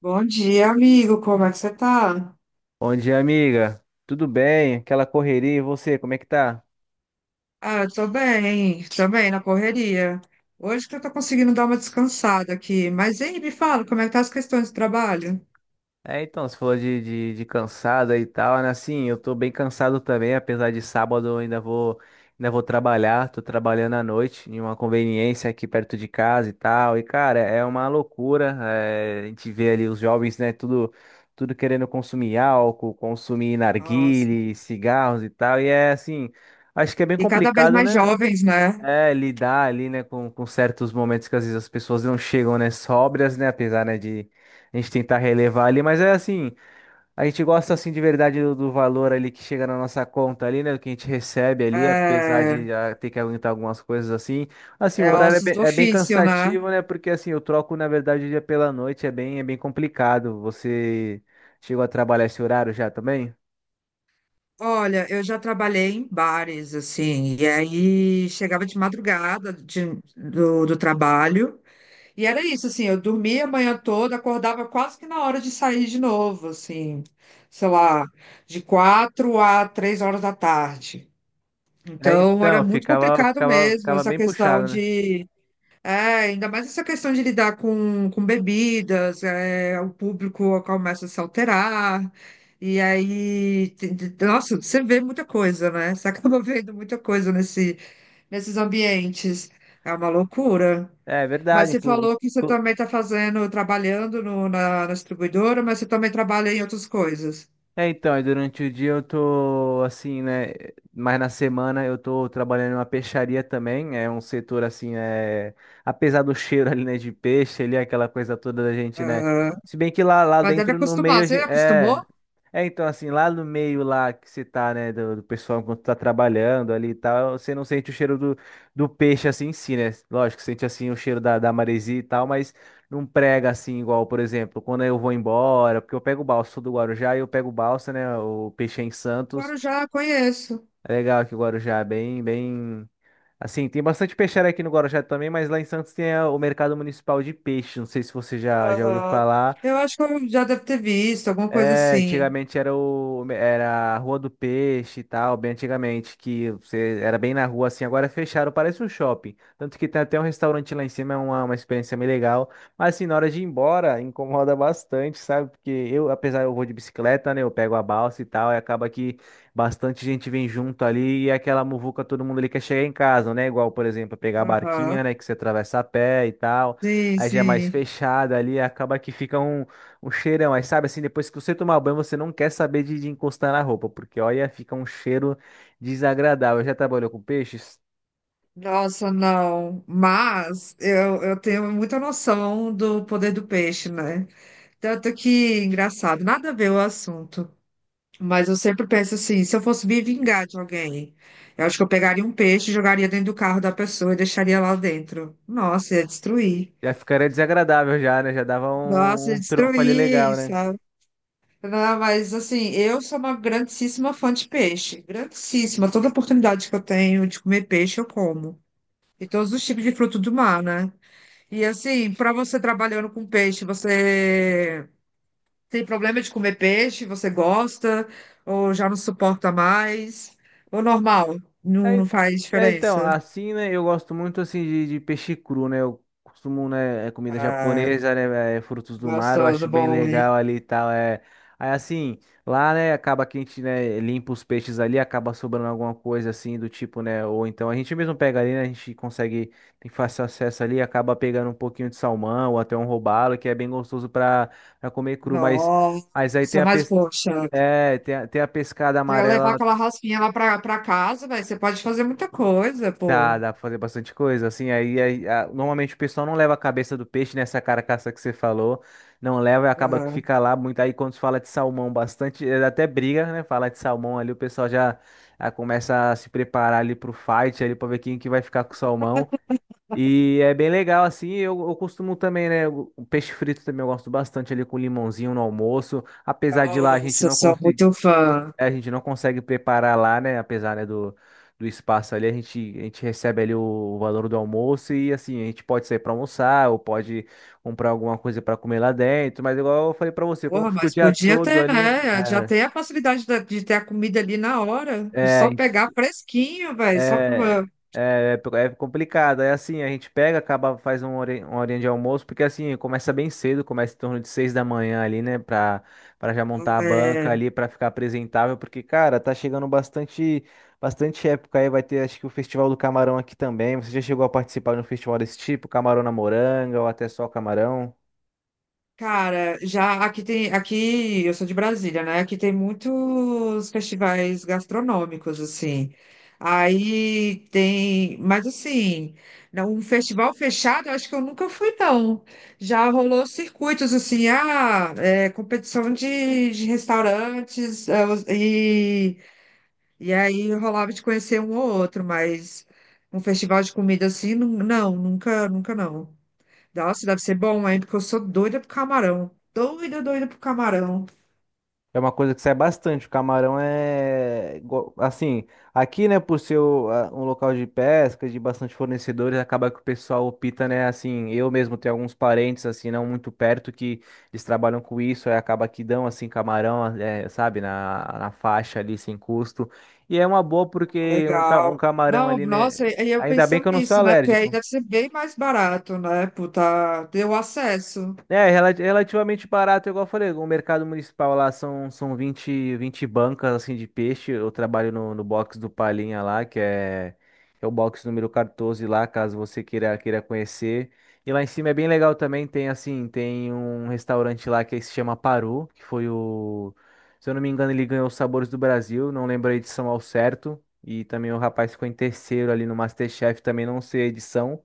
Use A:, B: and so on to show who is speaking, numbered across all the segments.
A: Bom dia, amigo. Como é que você tá?
B: Bom dia, amiga. Tudo bem? Aquela correria, e você, como é que tá?
A: Ah, eu tô bem na correria. Hoje que eu tô conseguindo dar uma descansada aqui. Mas aí, me fala, como é que tá as questões do trabalho?
B: É, então, você falou de cansada e tal, né? Assim, eu tô bem cansado também, apesar de sábado eu ainda vou trabalhar, tô trabalhando à noite em uma conveniência aqui perto de casa e tal. E, cara, é uma loucura, é, a gente vê ali os jovens, né, tudo, tudo querendo consumir álcool, consumir
A: Nossa.
B: narguile, cigarros e tal, e é assim, acho que é bem
A: E cada vez
B: complicado,
A: mais
B: né?
A: jovens, né?
B: É, lidar ali, né, com certos momentos que às vezes as pessoas não chegam, né, sóbrias, né, apesar, né, de a gente tentar relevar ali, mas é assim, a gente gosta, assim, de verdade do valor ali que chega na nossa conta ali, né, do que a gente recebe ali, apesar de
A: É,
B: já ter que aguentar algumas coisas assim, assim, o
A: é
B: horário
A: ossos do
B: é bem
A: ofício, né?
B: cansativo, né, porque, assim, eu troco, na verdade, o dia pela noite, é bem complicado, você chegou a trabalhar esse horário já também?
A: Olha, eu já trabalhei em bares, assim, e aí chegava de madrugada do trabalho. E era isso, assim, eu dormia a manhã toda, acordava quase que na hora de sair de novo, assim, sei lá, de 4 a 3 horas da tarde.
B: É,
A: Então, era
B: então,
A: muito
B: ficava,
A: complicado
B: ficava,
A: mesmo
B: ficava
A: essa
B: bem
A: questão
B: puxado, né?
A: de, é, ainda mais essa questão de lidar com bebidas, é, o público começa a se alterar, e aí, nossa, você vê muita coisa, né? Você acaba vendo muita coisa nesses ambientes. É uma loucura.
B: É
A: Mas
B: verdade.
A: você falou que você
B: Inclu-
A: também está fazendo, trabalhando na distribuidora, mas você também trabalha em outras coisas.
B: É, então, aí durante o dia eu tô assim, né? Mas na semana eu tô trabalhando em uma peixaria também. É um setor assim, é, apesar do cheiro ali, né, de peixe, ali, aquela coisa toda da gente, né?
A: Aham.
B: Se bem que lá, lá
A: Mas deve
B: dentro no meio
A: acostumar. Você acostumou?
B: é. É, então, assim, lá no meio lá que você tá, né, do pessoal enquanto tá trabalhando ali e tal, você não sente o cheiro do, do peixe assim em si, né? Lógico, sente assim o cheiro da, da maresia e tal, mas. Não prega assim, igual, por exemplo, quando eu vou embora, porque eu pego o balsa, sou do Guarujá e eu pego o balsa, né? O peixe é em
A: Agora
B: Santos.
A: eu já conheço.
B: É legal que o Guarujá é bem, bem. Assim, tem bastante peixeira aqui no Guarujá também, mas lá em Santos tem o mercado municipal de peixe. Não sei se você já, já ouviu
A: Aham.
B: falar.
A: Eu acho que eu já deve ter visto, alguma coisa
B: É,
A: assim.
B: antigamente era o era a Rua do Peixe e tal, bem antigamente, que você era bem na rua assim, agora fecharam, parece um shopping. Tanto que tem até um restaurante lá em cima, é uma experiência meio legal. Mas assim, na hora de ir embora, incomoda bastante, sabe? Porque eu, apesar eu vou de bicicleta, né? Eu pego a balsa e tal, e acaba que bastante gente vem junto ali e é aquela muvuca, todo mundo ali quer chegar em casa, né? Igual, por exemplo, pegar a
A: Aham.
B: barquinha, né? Que você atravessa a pé e tal.
A: Sim,
B: Aí já é mais
A: sim.
B: fechada ali, acaba que ficam um cheirão, aí sabe assim, depois que você tomar banho, você não quer saber de encostar na roupa, porque olha, fica um cheiro desagradável. Já trabalhou com peixes?
A: Nossa, não. Mas eu tenho muita noção do poder do peixe, né? Tanto que, engraçado, nada a ver o assunto. Mas eu sempre penso assim, se eu fosse me vingar de alguém, eu acho que eu pegaria um peixe, jogaria dentro do carro da pessoa e deixaria lá dentro. Nossa, ia destruir.
B: Já ficaria desagradável já, né? Já dava
A: Nossa,
B: um,
A: ia
B: um troco ali legal,
A: destruir,
B: né?
A: sabe? Não, mas assim, eu sou uma grandíssima fã de peixe. Grandíssima. Toda oportunidade que eu tenho de comer peixe, eu como. E todos os tipos de fruto do mar, né? E assim, para você trabalhando com peixe, você tem problema de comer peixe? Você gosta? Ou já não suporta mais? Ou normal? Não,
B: É,
A: não faz
B: então,
A: diferença.
B: assim, né, eu gosto muito, assim, de peixe cru, né, eu costumo, né, é comida
A: Ah,
B: japonesa, né, é, frutos do mar, eu acho
A: gostoso,
B: bem
A: bom,
B: legal
A: hein?
B: ali e tal, é, aí, assim, lá, né, acaba que a gente, né, limpa os peixes ali, acaba sobrando alguma coisa, assim, do tipo, né, ou então a gente mesmo pega ali, né, a gente consegue, tem fácil acesso ali, acaba pegando um pouquinho de salmão, ou até um robalo, que é bem gostoso pra, pra comer cru, mas aí
A: Nossa, mas poxa,
B: É, tem a, tem a pescada
A: quer levar
B: amarela.
A: aquela raspinha lá pra casa, velho, você pode fazer muita coisa,
B: Dá,
A: pô.
B: dá pra fazer bastante coisa, assim, aí, aí, normalmente o pessoal não leva a cabeça do peixe nessa carcaça que você falou, não leva e acaba que
A: Aham.
B: fica lá muito, aí quando se fala de salmão bastante, é, até briga, né, falar de salmão ali, o pessoal já, já começa a se preparar ali pro fight, ali pra ver quem que vai ficar com o salmão, e é bem legal, assim, eu costumo também, né, o peixe frito também eu gosto bastante ali com limãozinho no almoço, apesar de lá a gente
A: Nossa,
B: não
A: sou
B: conseguir
A: muito fã.
B: é, a gente não consegue preparar lá, né? Apesar, né, do, do espaço ali, a gente recebe ali o valor do almoço e assim, a gente pode sair para almoçar ou pode comprar alguma coisa para comer lá dentro, mas igual eu falei para você, como
A: Porra,
B: fica o
A: mas
B: dia
A: podia
B: todo
A: ter,
B: ali,
A: né? Já
B: é,
A: tem a facilidade ter a comida ali na hora.
B: é,
A: Só pegar fresquinho, velho. Só
B: É,
A: pra...
B: é complicado. É assim, a gente pega, acaba, faz um uma horinha de almoço, porque assim, começa bem cedo, começa em torno de 6 da manhã ali, né? Pra, pra já montar a banca
A: é,
B: ali, pra ficar apresentável, porque, cara, tá chegando bastante, bastante época aí. Vai ter, acho que o Festival do Camarão aqui também. Você já chegou a participar de um festival desse tipo? Camarão na Moranga, ou até só camarão?
A: Cara, já aqui tem, aqui eu sou de Brasília, né? Aqui tem muitos festivais gastronômicos assim. Aí tem, mas assim, um festival fechado, eu acho que eu nunca fui não. Já rolou circuitos assim, ah, é, competição de restaurantes é, e aí rolava de conhecer um ou outro, mas um festival de comida assim, não, não, nunca, nunca não. Nossa, deve ser bom, hein? Porque eu sou doida pro camarão. Doida, doida pro camarão.
B: É uma coisa que sai bastante. O camarão é. Assim, aqui, né, por ser um local de pesca, de bastante fornecedores, acaba que o pessoal opta, né, assim. Eu mesmo tenho alguns parentes, assim, não muito perto, que eles trabalham com isso, aí acaba que dão, assim, camarão, é, sabe, na, na faixa ali, sem custo. E é uma boa porque um, um
A: Legal.
B: camarão
A: Não,
B: ali, né.
A: nossa, e eu
B: Ainda bem que
A: pensando
B: eu não sou
A: nisso, né? Porque aí
B: alérgico.
A: deve ser bem mais barato, né? Puta, deu acesso.
B: É, relativamente barato, igual eu falei, o mercado municipal lá são, são 20 20 bancas assim de peixe. Eu trabalho no, no box do Palinha lá, que é, é o box número 14 lá, caso você queira, queira conhecer. E lá em cima é bem legal também, tem assim, tem um restaurante lá que se chama Paru, que foi o, se eu não me engano, ele ganhou os Sabores do Brasil, não lembro a edição ao certo. E também o rapaz ficou em terceiro ali no MasterChef, também não sei a edição.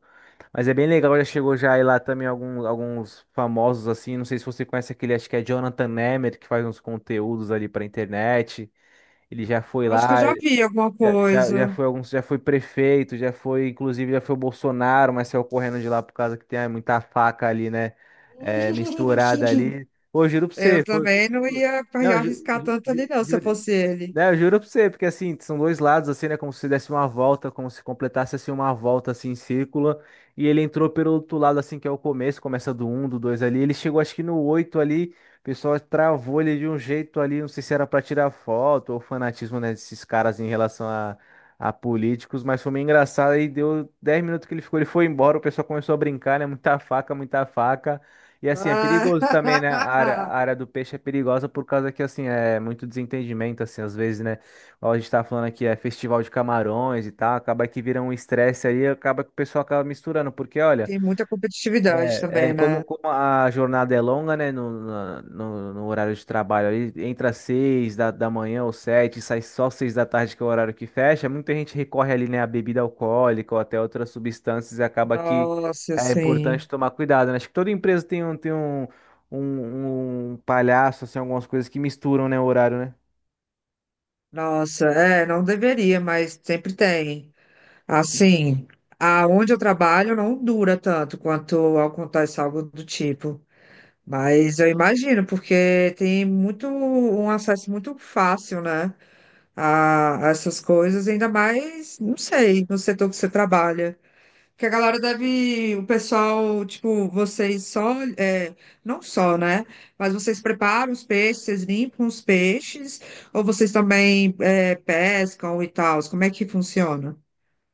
B: Mas é bem legal, já chegou já aí lá também alguns, alguns famosos assim, não sei se você conhece aquele, acho que é Jonathan Nemeth, que faz uns conteúdos ali pra internet. Ele já foi
A: Eu acho que eu
B: lá,
A: já vi alguma
B: já, já, já
A: coisa.
B: foi alguns, já foi prefeito, já foi, inclusive, já foi o Bolsonaro, mas saiu correndo de lá por causa que tem ah, muita faca ali, né? É, misturada ali. Ô, juro pra
A: Eu
B: você, foi,
A: também não
B: foi-
A: ia
B: não,
A: arriscar tanto ali, não, se eu
B: juro,
A: fosse ele.
B: né, eu juro pra você, porque assim, são dois lados, assim, né? Como se desse uma volta, como se completasse assim uma volta assim em círculo. E ele entrou pelo outro lado, assim, que é o começo, começa do um do 2 ali. Ele chegou acho que no 8 ali o pessoal travou ele de um jeito ali, não sei se era pra tirar foto ou fanatismo, né, desses caras em relação a políticos, mas foi meio engraçado. Aí deu 10 minutos que ele ficou, ele foi embora, o pessoal começou a brincar, né? Muita faca, muita faca. E assim, é perigoso também, né? A
A: Ah,
B: área do peixe é perigosa por causa que, assim, é muito desentendimento, assim, às vezes, né? Igual a gente tá falando aqui, é festival de camarões e tal, acaba que vira um estresse aí, acaba que o pessoal acaba misturando, porque, olha.
A: tem muita competitividade
B: É, é
A: também, né?
B: como, como a jornada é longa, né? No horário de trabalho ali, entra às 6 da, da manhã ou sete, sai só 6 da tarde, que é o horário que fecha. Muita gente recorre ali, né, à bebida alcoólica ou até outras substâncias e acaba que
A: Nossa,
B: é importante
A: sim.
B: tomar cuidado, né? Acho que toda empresa tem um, um, um palhaço, assim, algumas coisas que misturam, né, o horário, né?
A: Nossa, é, não deveria, mas sempre tem. Assim, aonde eu trabalho não dura tanto quanto acontece algo do tipo. Mas eu imagino, porque tem muito um acesso muito fácil, né, a essas coisas, ainda mais, não sei, no setor que você trabalha. Que a galera deve, o pessoal, tipo, vocês só, é, não só, né? Mas vocês preparam os peixes, vocês limpam os peixes, ou vocês também, é, pescam e tal? Como é que funciona?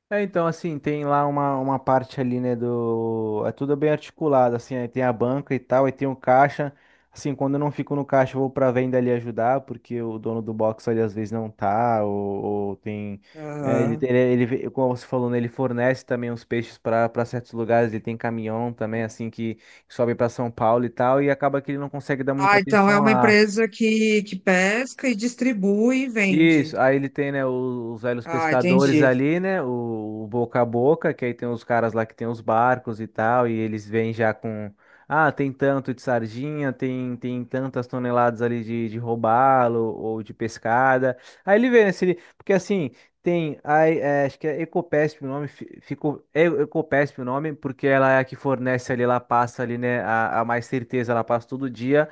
B: É, então, assim, tem lá uma parte ali, né, do... É tudo bem articulado, assim, aí tem a banca e tal, aí tem o caixa. Assim, quando eu não fico no caixa, eu vou pra venda ali ajudar, porque o dono do box ali às vezes não tá, ou tem... é, ele,
A: Ah,
B: ele, como você falou, né, ele fornece também os peixes para para certos lugares, ele tem caminhão também, assim, que sobe para São Paulo e tal, e acaba que ele não consegue dar muita
A: ah, então
B: atenção
A: é uma
B: lá.
A: empresa que pesca e distribui e
B: Isso,
A: vende.
B: aí ele tem, né, os velhos
A: Ah,
B: pescadores
A: entendi.
B: ali, né, o boca a boca, que aí tem os caras lá que tem os barcos e tal, e eles vêm já com, ah, tem tanto de sardinha, tem, tem tantas toneladas ali de robalo ou de pescada. Aí ele vê, né, se ele, porque assim, tem, aí, é, acho que é Ecopesp o nome, ficou, é Ecopesp o nome, porque ela é a que fornece ali, ela passa ali, né, a mais certeza, ela passa todo dia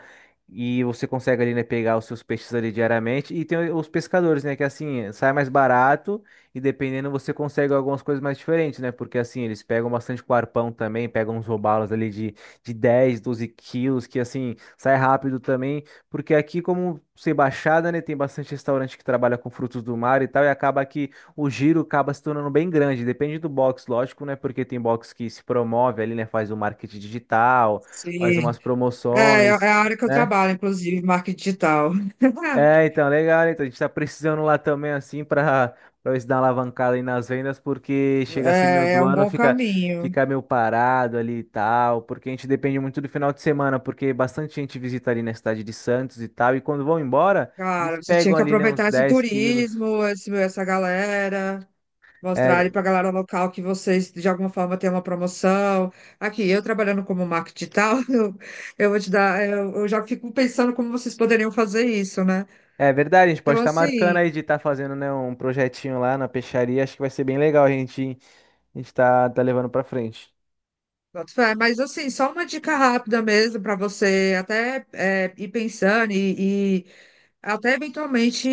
B: e você consegue ali, né, pegar os seus peixes ali diariamente. E tem os pescadores, né, que assim, sai mais barato e dependendo você consegue algumas coisas mais diferentes, né? Porque assim, eles pegam bastante com arpão também, pegam uns robalos ali de 10 12 quilos, que assim, sai rápido também. Porque aqui, como ser baixada, né, tem bastante restaurante que trabalha com frutos do mar e tal, e acaba que o giro acaba se tornando bem grande. Depende do box, lógico, né? Porque tem box que se promove ali, né, faz o marketing digital, faz
A: Sim.
B: umas
A: É, é
B: promoções.
A: a área que eu
B: Né?
A: trabalho, inclusive, marketing digital.
B: É, então, legal, então a gente tá precisando lá também, assim, pra, pra ver se dá uma alavancada aí nas vendas, porque chega assim meio
A: É
B: do
A: um
B: ano,
A: bom
B: fica,
A: caminho.
B: fica meio parado ali e tal, porque a gente depende muito do final de semana, porque bastante gente visita ali na cidade de Santos e tal, e quando vão embora, eles
A: Cara, você tinha
B: pegam
A: que
B: ali, né, uns
A: aproveitar esse
B: 10 quilos.
A: turismo, esse, essa galera, mostrar
B: É,
A: ali pra galera local que vocês, de alguma forma, têm uma promoção. Aqui, eu trabalhando como marketing digital, eu vou te dar, eu já fico pensando como vocês poderiam fazer isso, né?
B: é verdade, a gente
A: Então,
B: pode estar marcando
A: assim.
B: aí de estar fazendo, né, um projetinho lá na peixaria, acho que vai ser bem legal a gente tá, tá levando pra frente.
A: Boto fé. Mas assim, só uma dica rápida mesmo para você até é, ir pensando e até eventualmente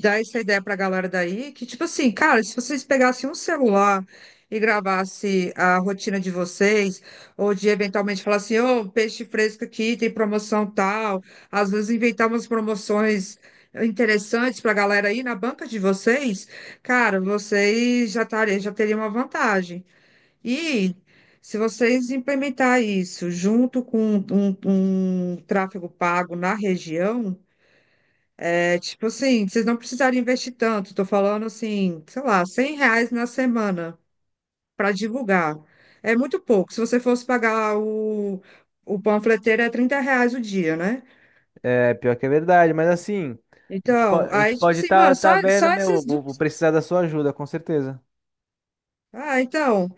A: dar essa ideia para a galera daí, que tipo assim, cara, se vocês pegassem um celular e gravasse a rotina de vocês, ou de eventualmente falar assim, ô, peixe fresco aqui, tem promoção tal, às vezes inventar umas promoções interessantes para a galera aí na banca de vocês, cara, vocês já, já teriam uma vantagem. E se vocês implementar isso junto com um tráfego pago na região, é tipo assim, vocês não precisarem investir tanto. Estou falando assim, sei lá, R$ 100 na semana para divulgar. É muito pouco. Se você fosse pagar o panfleteiro, é R$ 30 o dia, né?
B: É, pior que é verdade, mas assim,
A: Então,
B: a gente
A: aí, tipo
B: pode
A: assim,
B: estar
A: mano,
B: tá, tá
A: só,
B: vendo,
A: só
B: né? Eu
A: esses
B: vou, vou
A: dois.
B: precisar da sua ajuda, com certeza.
A: Ah, então,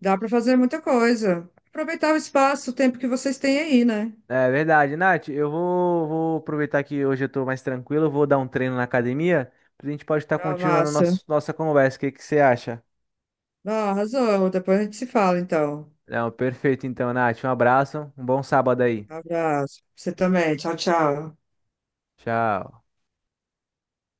A: dá para fazer muita coisa. Aproveitar o espaço, o tempo que vocês têm aí, né?
B: É verdade, Nath. Eu vou, vou aproveitar que hoje eu tô mais tranquilo, eu vou dar um treino na academia, a gente pode estar
A: Ah,
B: continuando
A: massa.
B: nosso, nossa conversa. O que que você acha?
A: Não, arrasou. Depois a gente se fala, então.
B: Não, perfeito então, Nath. Um abraço, um bom sábado aí.
A: Abraço. Você também. Tchau, tchau.
B: Tchau.